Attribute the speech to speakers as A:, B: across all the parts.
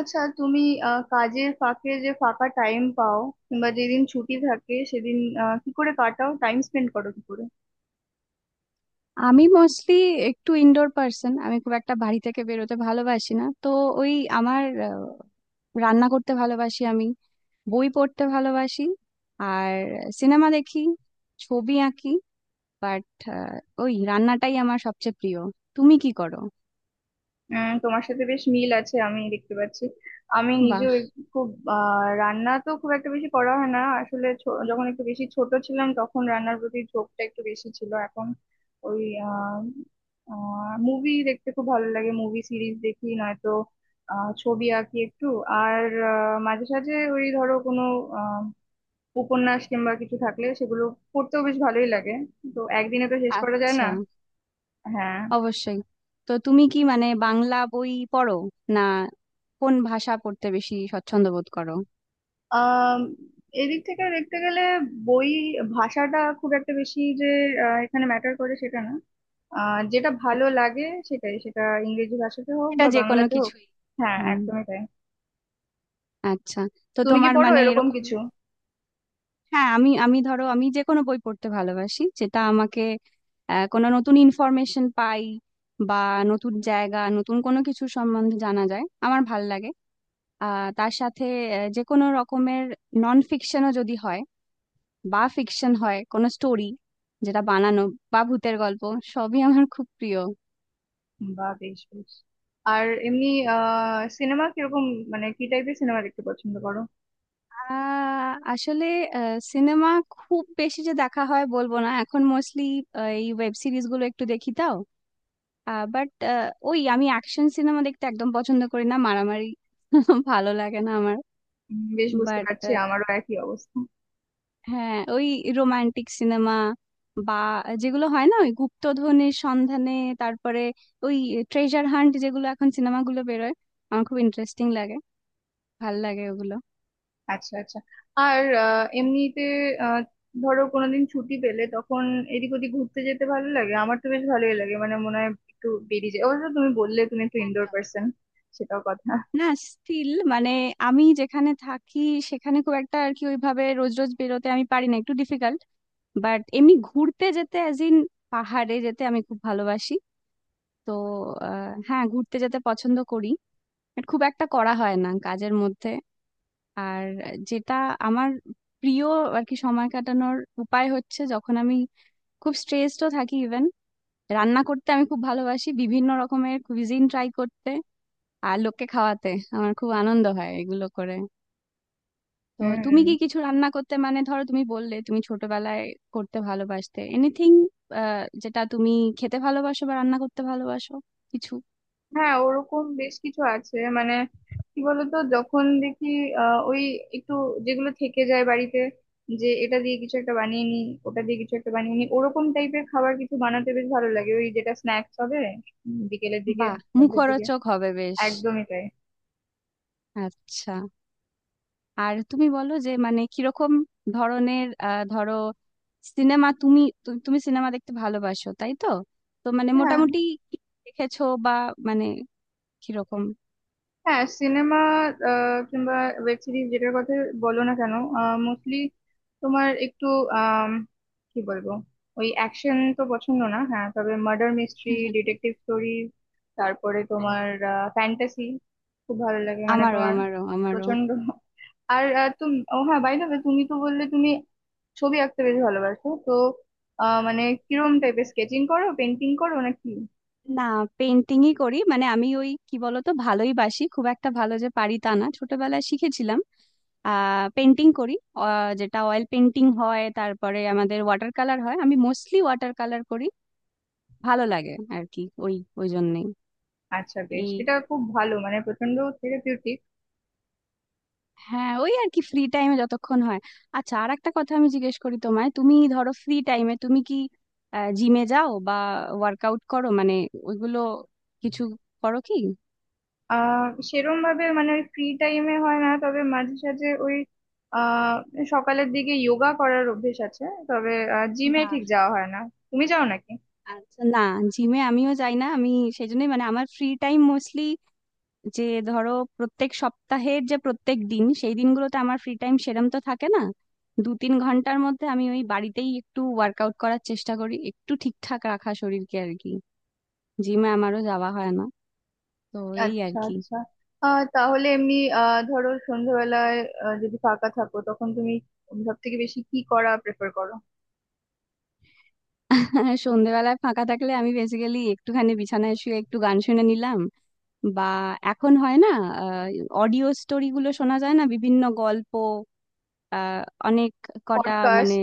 A: আচ্ছা তুমি কাজের ফাঁকে যে ফাঁকা টাইম পাও, কিংবা যেদিন ছুটি থাকে সেদিন কি করে কাটাও, টাইম স্পেন্ড করো কি করে?
B: আমি মোস্টলি একটু ইনডোর পার্সন। আমি খুব একটা বাড়ি থেকে বেরোতে ভালোবাসি না তো। ওই আমার রান্না করতে ভালোবাসি আমি, বই পড়তে ভালোবাসি, আর সিনেমা দেখি, ছবি আঁকি। বাট ওই রান্নাটাই আমার সবচেয়ে প্রিয়। তুমি কি করো?
A: তোমার সাথে বেশ মিল আছে আমি দেখতে পাচ্ছি। আমি
B: বাহ।
A: নিজেও খুব রান্না তো খুব একটা বেশি করা হয় না আসলে, যখন একটু বেশি ছোট ছিলাম তখন রান্নার প্রতি ঝোঁকটা একটু বেশি ছিল। এখন ওই মুভি দেখতে খুব ভালো লাগে, মুভি সিরিজ দেখি নয়তো। ছবি আঁকি একটু। আর মাঝে সাঝে ওই ধরো কোনো উপন্যাস কিংবা কিছু থাকলে সেগুলো পড়তেও বেশ ভালোই লাগে। তো একদিনে তো শেষ করা যায় না।
B: আচ্ছা,
A: হ্যাঁ।
B: অবশ্যই। তো তুমি কি মানে বাংলা বই পড়ো না কোন ভাষা পড়তে বেশি স্বচ্ছন্দ বোধ করো?
A: আম, এদিক থেকে দেখতে গেলে বই ভাষাটা খুব একটা বেশি যে এখানে ম্যাটার করে সেটা না। যেটা ভালো লাগে সেটাই সেটা, ইংরেজি ভাষাতে হোক
B: এটা
A: বা
B: যে কোনো
A: বাংলাতে হোক।
B: কিছুই।
A: হ্যাঁ
B: হুম,
A: একদমই তাই।
B: আচ্ছা। তো
A: তুমি কি
B: তোমার
A: পড়ো
B: মানে
A: এরকম
B: এরকম,
A: কিছু?
B: হ্যাঁ। আমি আমি ধরো আমি যে কোনো বই পড়তে ভালোবাসি যেটা আমাকে কোনো নতুন ইনফরমেশন পাই, বা নতুন জায়গা নতুন কোনো কিছু সম্বন্ধে জানা যায়, আমার ভাল লাগে। তার সাথে যে কোনো রকমের নন ফিকশনও যদি হয়, বা ফিকশন হয় কোনো স্টোরি যেটা বানানো, বা ভূতের গল্প, সবই আমার খুব প্রিয়।
A: বা বেশ বেশ। আর এমনি আহ সিনেমা কিরকম, মানে কি টাইপের সিনেমা দেখতে পছন্দ করো?
B: আসলে সিনেমা খুব বেশি যে দেখা হয় বলবো না। এখন মোস্টলি এই ওয়েব সিরিজ গুলো একটু দেখি, তাও। বাট ওই আমি অ্যাকশন সিনেমা দেখতে একদম পছন্দ করি না, মারামারি ভালো লাগে না আমার।
A: বেশ বুঝতে
B: বাট
A: পারছি, আমারও একই অবস্থা।
B: হ্যাঁ, ওই রোমান্টিক সিনেমা, বা যেগুলো হয় না, ওই গুপ্তধনের সন্ধানে, তারপরে ওই ট্রেজার হান্ট যেগুলো এখন সিনেমাগুলো বেরোয়, আমার খুব ইন্টারেস্টিং লাগে, ভাল লাগে ওগুলো।
A: আচ্ছা আচ্ছা। আর এমনিতে আহ, ধরো কোনোদিন ছুটি পেলে তখন এদিক ওদিক ঘুরতে যেতে ভালো লাগে আমার, তো বেশ ভালোই লাগে, মানে মনে হয় একটু বেরিয়ে যায়। অবশ্য তুমি বললে তুমি একটু ইনডোর
B: একদম।
A: পার্সন, সেটাও কথা।
B: না স্টিল মানে আমি যেখানে থাকি সেখানে খুব একটা আর কি ওইভাবে রোজ রোজ বেরোতে আমি পারি না, একটু ডিফিকাল্ট। বাট এমনি ঘুরতে যেতে, অ্যাজ ইন পাহাড়ে যেতে আমি খুব ভালোবাসি। তো হ্যাঁ, ঘুরতে যেতে পছন্দ করি, বাট খুব একটা করা হয় না কাজের মধ্যে। আর যেটা আমার প্রিয় আর কি সময় কাটানোর উপায় হচ্ছে, যখন আমি খুব স্ট্রেসডও থাকি ইভেন, রান্না করতে আমি খুব ভালোবাসি, বিভিন্ন রকমের কুইজিন ট্রাই করতে আর লোককে খাওয়াতে আমার খুব আনন্দ হয় এগুলো করে। তো তুমি
A: হুম।
B: কি কিছু রান্না করতে, মানে ধরো তুমি বললে তুমি ছোটবেলায় করতে ভালোবাসতে, এনিথিং যেটা তুমি খেতে ভালোবাসো বা রান্না করতে ভালোবাসো কিছু?
A: হ্যাঁ ওরকম বেশ কিছু আছে, মানে কি বলতো যখন দেখি আহ ওই একটু যেগুলো থেকে যায় বাড়িতে, যে এটা দিয়ে কিছু একটা বানিয়ে নি, ওটা দিয়ে কিছু একটা বানিয়ে নি, ওরকম টাইপের খাবার কিছু বানাতে বেশ ভালো লাগে, ওই যেটা স্ন্যাক্স হবে বিকেলের দিকে,
B: বাহ,
A: সন্ধ্যের দিকে।
B: মুখরোচক হবে বেশ।
A: একদমই তাই।
B: আচ্ছা, আর তুমি বলো যে মানে কিরকম ধরনের ধরো সিনেমা তুমি, তুমি সিনেমা দেখতে ভালোবাসো তাই তো? তো মানে
A: হ্যাঁ।
B: মোটামুটি কি দেখেছো বা, মানে কিরকম?
A: হ্যাঁ সিনেমা কিংবা ওয়েব সিরিজ যেটার কথা বলো না কেন, মোস্টলি তোমার একটু আম, কি বলবো, ওই অ্যাকশন তো পছন্দ না, হ্যাঁ তবে মার্ডার মিস্ট্রি, ডিটেকটিভ স্টোরি, তারপরে তোমার ফ্যান্টাসি খুব ভালো লাগে মানে
B: আমারও,
A: তোমার
B: আমারও, আমারও।
A: প্রচন্ড। আর আহ, তুমি ও হ্যাঁ বাই দ্য ওয়ে, তুমি তো বললে তুমি ছবি আঁকতে বেশ ভালোবাসো তো মানে কিরম টাইপের স্কেচিং করো, পেন্টিং করো নাকি?
B: না, পেন্টিংই করি। মানে আমি ওই কি বলতো, ভালোই বাসি, খুব একটা ভালো যে পারি তা না, ছোটবেলায় শিখেছিলাম। পেন্টিং করি, যেটা অয়েল পেন্টিং হয় তারপরে আমাদের ওয়াটার কালার হয়, আমি মোস্টলি ওয়াটার কালার করি। ভালো লাগে আর কি, ওই ওই জন্যেই।
A: আচ্ছা বেশ,
B: এই,
A: এটা খুব ভালো মানে প্রচন্ড থেরাপিউটিক।
B: হ্যাঁ ওই আর কি ফ্রি টাইমে যতক্ষণ হয়। আচ্ছা, আর একটা কথা আমি জিজ্ঞেস করি তোমায়, তুমি ধরো ফ্রি টাইমে তুমি কি জিমে যাও বা ওয়ার্কআউট করো, মানে ওইগুলো কিছু করো কি?
A: আহ সেরম ভাবে মানে ওই ফ্রি টাইমে হয় না, তবে মাঝে সাঝে ওই আহ সকালের দিকে যোগা করার অভ্যেস আছে, তবে জিমে
B: বাহ।
A: ঠিক যাওয়া হয় না। তুমি যাও নাকি?
B: আচ্ছা, না জিমে আমিও যাই না আমি, সেই জন্যই মানে আমার ফ্রি টাইম মোস্টলি যে ধরো, প্রত্যেক সপ্তাহের যে প্রত্যেক দিন সেই দিনগুলোতে আমার ফ্রি টাইম সেরম তো থাকে না। 2-3 ঘন্টার মধ্যে আমি ওই বাড়িতেই একটু ওয়ার্কআউট করার চেষ্টা করি, একটু ঠিকঠাক রাখা শরীরকে আর কি। জিমে আমারও যাওয়া হয় না তো। এই আর
A: আচ্ছা
B: কি।
A: আচ্ছা। আহ তাহলে এমনি আহ ধরো সন্ধ্যাবেলায় যদি ফাঁকা থাকো তখন তুমি সব থেকে বেশি কি করা প্রেফার করো?
B: হ্যাঁ, সন্ধেবেলায় ফাঁকা থাকলে আমি বেসিক্যালি একটুখানি বিছানায় শুয়ে একটু গান শুনে নিলাম, বা এখন হয় না অডিও স্টোরি গুলো শোনা যায় না, বিভিন্ন গল্প, আহ, অনেক কটা মানে।
A: পডকাস্ট।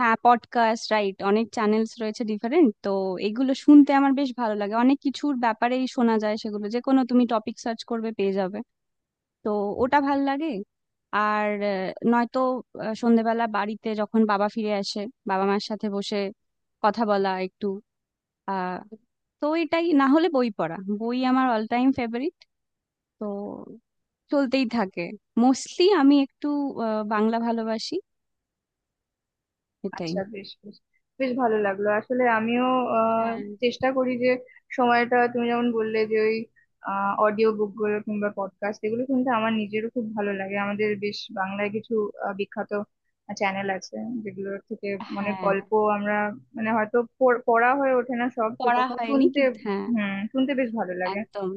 B: হ্যাঁ, পডকাস্ট রাইট, অনেক চ্যানেলস রয়েছে ডিফারেন্ট, তো এগুলো শুনতে আমার বেশ ভালো লাগে। অনেক কিছুর ব্যাপারেই শোনা যায় সেগুলো, যে কোনো তুমি টপিক সার্চ করবে পেয়ে যাবে। তো ওটা ভাল লাগে। আর নয়তো সন্ধেবেলা বাড়িতে যখন বাবা ফিরে আসে, বাবা মার সাথে বসে কথা বলা একটু আহ তো এটাই, না হলে বই পড়া, বই আমার অল টাইম ফেভারিট। তো চলতেই থাকে। মোস্টলি আমি একটু বাংলা ভালোবাসি। এটাই।
A: আচ্ছা বেশ বেশ, বেশ ভালো লাগলো আসলে আমিও আহ,
B: হ্যাঁ।
A: চেষ্টা করি যে সময়টা তুমি যেমন বললে যে ওই অডিও বুক গুলো কিংবা পডকাস্ট এগুলো শুনতে আমার নিজেরও খুব ভালো লাগে। আমাদের বেশ বাংলায় কিছু বিখ্যাত চ্যানেল আছে যেগুলোর থেকে মানে
B: হ্যাঁ,
A: গল্প আমরা মানে হয়তো পড়া হয়ে ওঠে না সব, তো
B: পড়া
A: তখন
B: হয়নি
A: শুনতে।
B: কিন্তু, হ্যাঁ।
A: হুম শুনতে বেশ ভালো লাগে।
B: একদম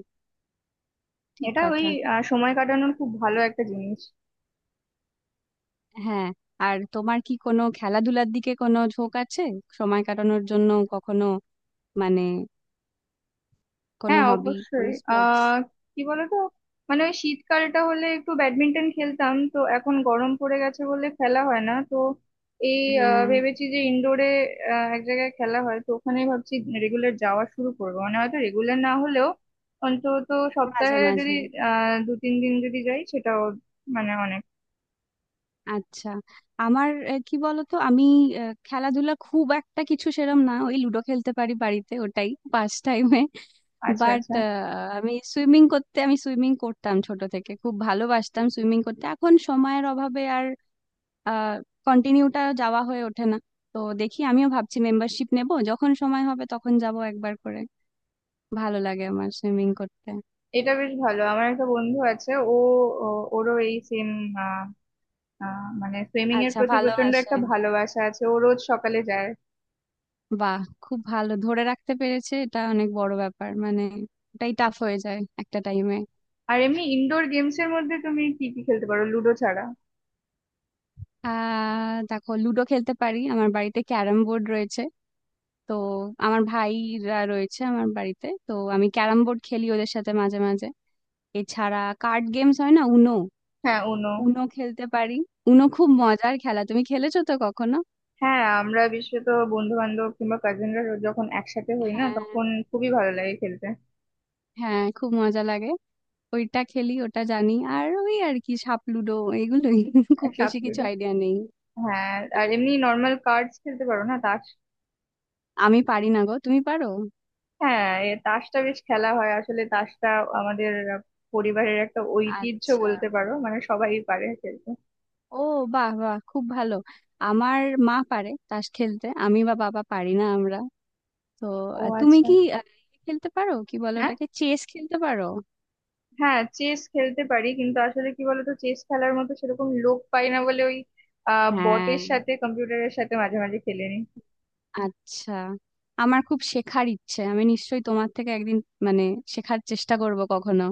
B: ঠিক
A: এটা ওই
B: কথা।
A: সময় কাটানোর খুব ভালো একটা জিনিস।
B: হ্যাঁ। আর তোমার কি কোনো খেলাধুলার দিকে কোনো ঝোঁক আছে সময় কাটানোর জন্য কখনো? মানে কোনো
A: হ্যাঁ
B: হবি, কোনো
A: অবশ্যই
B: স্পোর্টস?
A: আহ কি বলতো, মানে ওই শীতকালটা হলে একটু ব্যাডমিন্টন খেলতাম তো, এখন গরম পড়ে গেছে বলে খেলা হয় না তো। এই
B: হ্যাঁ,
A: ভেবেছি যে ইনডোরে এক জায়গায় খেলা হয় তো ওখানে ভাবছি রেগুলার যাওয়া শুরু করবো, মানে হয়তো রেগুলার না হলেও অন্তত
B: মাঝে
A: সপ্তাহে যদি
B: মাঝে।
A: আহ দু তিন দিন যদি যাই সেটাও মানে অনেক।
B: আচ্ছা, আমার কি বলতো, আমি খেলাধুলা খুব একটা কিছু সেরম না। ওই লুডো খেলতে পারি বাড়িতে, ওটাই পাস টাইমে।
A: আচ্ছা
B: বাট
A: আচ্ছা।
B: আমি সুইমিং করতে, আমি সুইমিং করতাম ছোট থেকে, খুব ভালোবাসতাম সুইমিং করতে। এখন সময়ের অভাবে আর কন্টিনিউটা যাওয়া হয়ে ওঠে না। তো দেখি, আমিও ভাবছি মেম্বারশিপ নেব, যখন সময় হবে তখন যাব একবার করে। ভালো লাগে আমার সুইমিং করতে।
A: এটা বেশ ভালো, আমার একটা বন্ধু আছে ও ওরও এই সেম আহ আহ মানে সুইমিং এর
B: আচ্ছা,
A: প্রতি প্রচন্ড
B: ভালোবাসে।
A: একটা ভালোবাসা আছে, ও রোজ সকালে যায়।
B: বাহ, খুব ভালো, ধরে রাখতে পেরেছে, এটা অনেক বড় ব্যাপার। মানে এটাই টাফ হয়ে যায় একটা টাইমে।
A: আর এমনি ইনডোর গেমস এর মধ্যে তুমি কি কি খেলতে পারো লুডো ছাড়া?
B: দেখো লুডো খেলতে পারি, আমার বাড়িতে ক্যারাম বোর্ড রয়েছে, তো আমার ভাইরা রয়েছে আমার বাড়িতে, তো আমি ক্যারাম বোর্ড খেলি ওদের সাথে মাঝে মাঝে। এছাড়া কার্ড গেমস, হয় না উনো,
A: হ্যাঁ উনো।
B: উনো খেলতে পারি। উনো খুব মজার খেলা, তুমি খেলেছো তো কখনো?
A: হ্যাঁ আমরা বিশেষত বন্ধু বান্ধব কিংবা কাজিনরা যখন একসাথে হই না,
B: হ্যাঁ।
A: তখন খুবই ভালো লাগে খেলতে।
B: হ্যাঁ, খুব মজা লাগে। ওইটা খেলি, ওটা জানি, আর ওই আর কি সাপ লুডো, এগুলোই খুব
A: সাপ
B: বেশি কিছু
A: লুডো,
B: আইডিয়া নেই।
A: হ্যাঁ। আর এমনি নর্মাল কার্ডস খেলতে পারো না, তাস?
B: আমি পারি না গো, তুমি পারো?
A: হ্যাঁ এ তাসটা বেশ খেলা হয় আসলে, তাসটা আমাদের পরিবারের একটা ঐতিহ্য
B: আচ্ছা,
A: বলতে পারো, মানে সবাই পারে খেলতে।
B: ও, বাহ বাহ, খুব ভালো। আমার মা পারে তাস খেলতে, আমি বা বাবা পারি না আমরা। তো
A: ও
B: তুমি
A: আচ্ছা।
B: কি খেলতে পারো, কি বলো ওটাকে, চেস খেলতে পারো?
A: হ্যাঁ চেস খেলতে পারি, কিন্তু আসলে কি বলতো চেস খেলার মতো সেরকম লোক পাই না বলে ওই আহ
B: হ্যাঁ।
A: বটের সাথে, কম্পিউটারের সাথে মাঝে মাঝে খেলে নি।
B: আচ্ছা, আমার খুব শেখার ইচ্ছে। আমি নিশ্চয়ই তোমার থেকে একদিন, মানে শেখার চেষ্টা করব কখনো।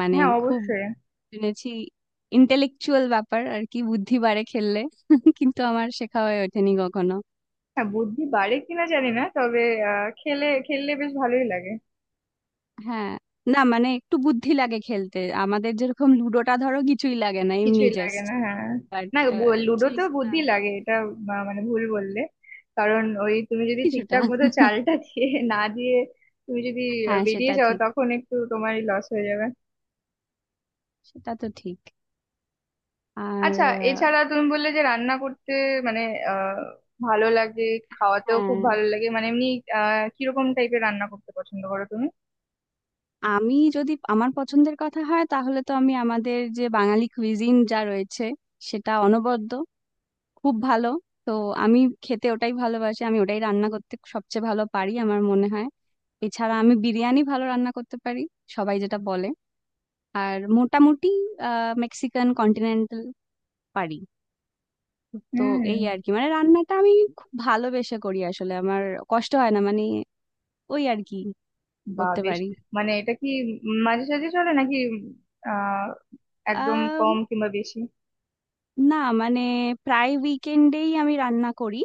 B: মানে
A: হ্যাঁ
B: খুব
A: অবশ্যই।
B: শুনেছি, ইন্টেলেকচুয়াল ব্যাপার আর কি, বুদ্ধি বাড়ে খেললে, কিন্তু আমার শেখা হয়ে ওঠেনি কখনো।
A: হ্যাঁ বুদ্ধি বাড়ে কিনা জানি না, তবে আহ খেললে বেশ ভালোই লাগে।
B: হ্যাঁ, না মানে একটু বুদ্ধি লাগে খেলতে। আমাদের যেরকম লুডোটা ধরো কিছুই লাগে না, এমনি
A: কিছুই লাগে
B: জাস্ট।
A: না হ্যাঁ।
B: বাট
A: না,
B: চেস,
A: লুডোতেও
B: না?
A: বুদ্ধি লাগে এটা, মানে ভুল বললে, কারণ ওই তুমি যদি
B: কিছুটা
A: ঠিকঠাক মতো চালটা দিয়ে না দিয়ে তুমি যদি
B: হ্যাঁ,
A: বেরিয়ে
B: সেটা
A: যাও
B: ঠিক।
A: তখন একটু তোমারই লস হয়ে যাবে।
B: সেটা তো ঠিক। আর
A: আচ্ছা। এছাড়া তুমি বললে যে রান্না করতে মানে আহ ভালো লাগে, খাওয়াতেও খুব
B: হ্যাঁ।
A: ভালো লাগে, মানে এমনি আহ কিরকম টাইপের রান্না করতে পছন্দ করো তুমি?
B: আমি যদি আমার পছন্দের কথা হয় তাহলে তো, আমি আমাদের যে বাঙালি কুইজিন যা রয়েছে সেটা অনবদ্য, খুব ভালো, তো আমি খেতে ওটাই ভালোবাসি, আমি ওটাই রান্না করতে সবচেয়ে ভালো পারি আমার মনে হয়। এছাড়া আমি বিরিয়ানি ভালো রান্না করতে পারি, সবাই যেটা বলে। আর মোটামুটি মেক্সিকান, কন্টিনেন্টাল পারি। তো এই
A: হুম।
B: আর কি, মানে রান্নাটা আমি খুব ভালোবেসে করি আসলে, আমার কষ্ট হয় না মানে, ওই আর কি
A: বা
B: করতে
A: বেশ।
B: পারি।
A: মানে এটা কি মাঝে সাঝে চলে নাকি আহ একদম কম কিংবা বেশি?
B: না মানে, প্রায় উইকেন্ডেই আমি রান্না করি।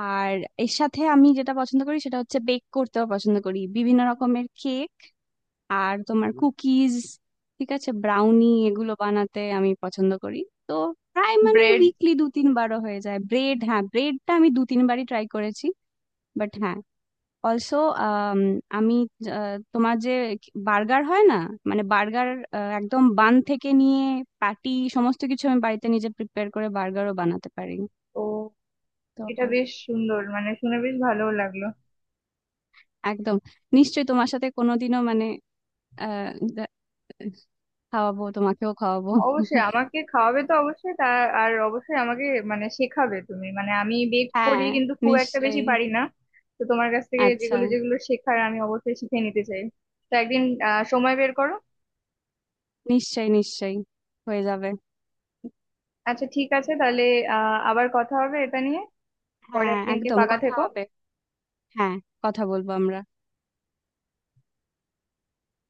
B: আর এর সাথে আমি যেটা পছন্দ করি সেটা হচ্ছে, বেক করতেও পছন্দ করি, বিভিন্ন রকমের কেক আর তোমার কুকিজ, ঠিক আছে, ব্রাউনি, এগুলো বানাতে আমি পছন্দ করি। তো প্রায় মানে
A: ব্রেড।
B: উইকলি 2-3 বারও হয়ে যায়। ব্রেড, হ্যাঁ ব্রেডটা আমি 2-3 বারই ট্রাই করেছি। বাট হ্যাঁ, অলসো আমি তোমার যে বার্গার হয় না, মানে বার্গার একদম বান থেকে নিয়ে প্যাটি সমস্ত কিছু আমি বাড়িতে নিজে প্রিপেয়ার করে বার্গারও বানাতে পারি।
A: ও
B: তো
A: এটা বেশ সুন্দর, মানে শুনে বেশ ভালো লাগলো।
B: একদম। নিশ্চয়ই তোমার সাথে কোনোদিনও মানে আহ, দে- খাওয়াবো, তোমাকেও খাওয়াবো।
A: অবশ্যই আমাকে খাওয়াবে তো, অবশ্যই তার আর অবশ্যই আমাকে মানে শেখাবে তুমি, মানে আমি বেক করি
B: হ্যাঁ,
A: কিন্তু খুব একটা
B: নিশ্চয়ই।
A: বেশি পারি না। তো তোমার কাছ থেকে
B: আচ্ছা,
A: যেগুলো যেগুলো শেখার আমি অবশ্যই শিখে নিতে চাই। তো একদিন আহ সময় বের করো।
B: নিশ্চয়ই নিশ্চয়ই হয়ে যাবে।
A: আচ্ছা ঠিক আছে তাহলে আহ আবার কথা হবে এটা নিয়ে, পরে
B: হ্যাঁ,
A: একদিনকে
B: একদম
A: ফাঁকা
B: কথা
A: থেকো।
B: হবে। হ্যাঁ, কথা বলবো আমরা।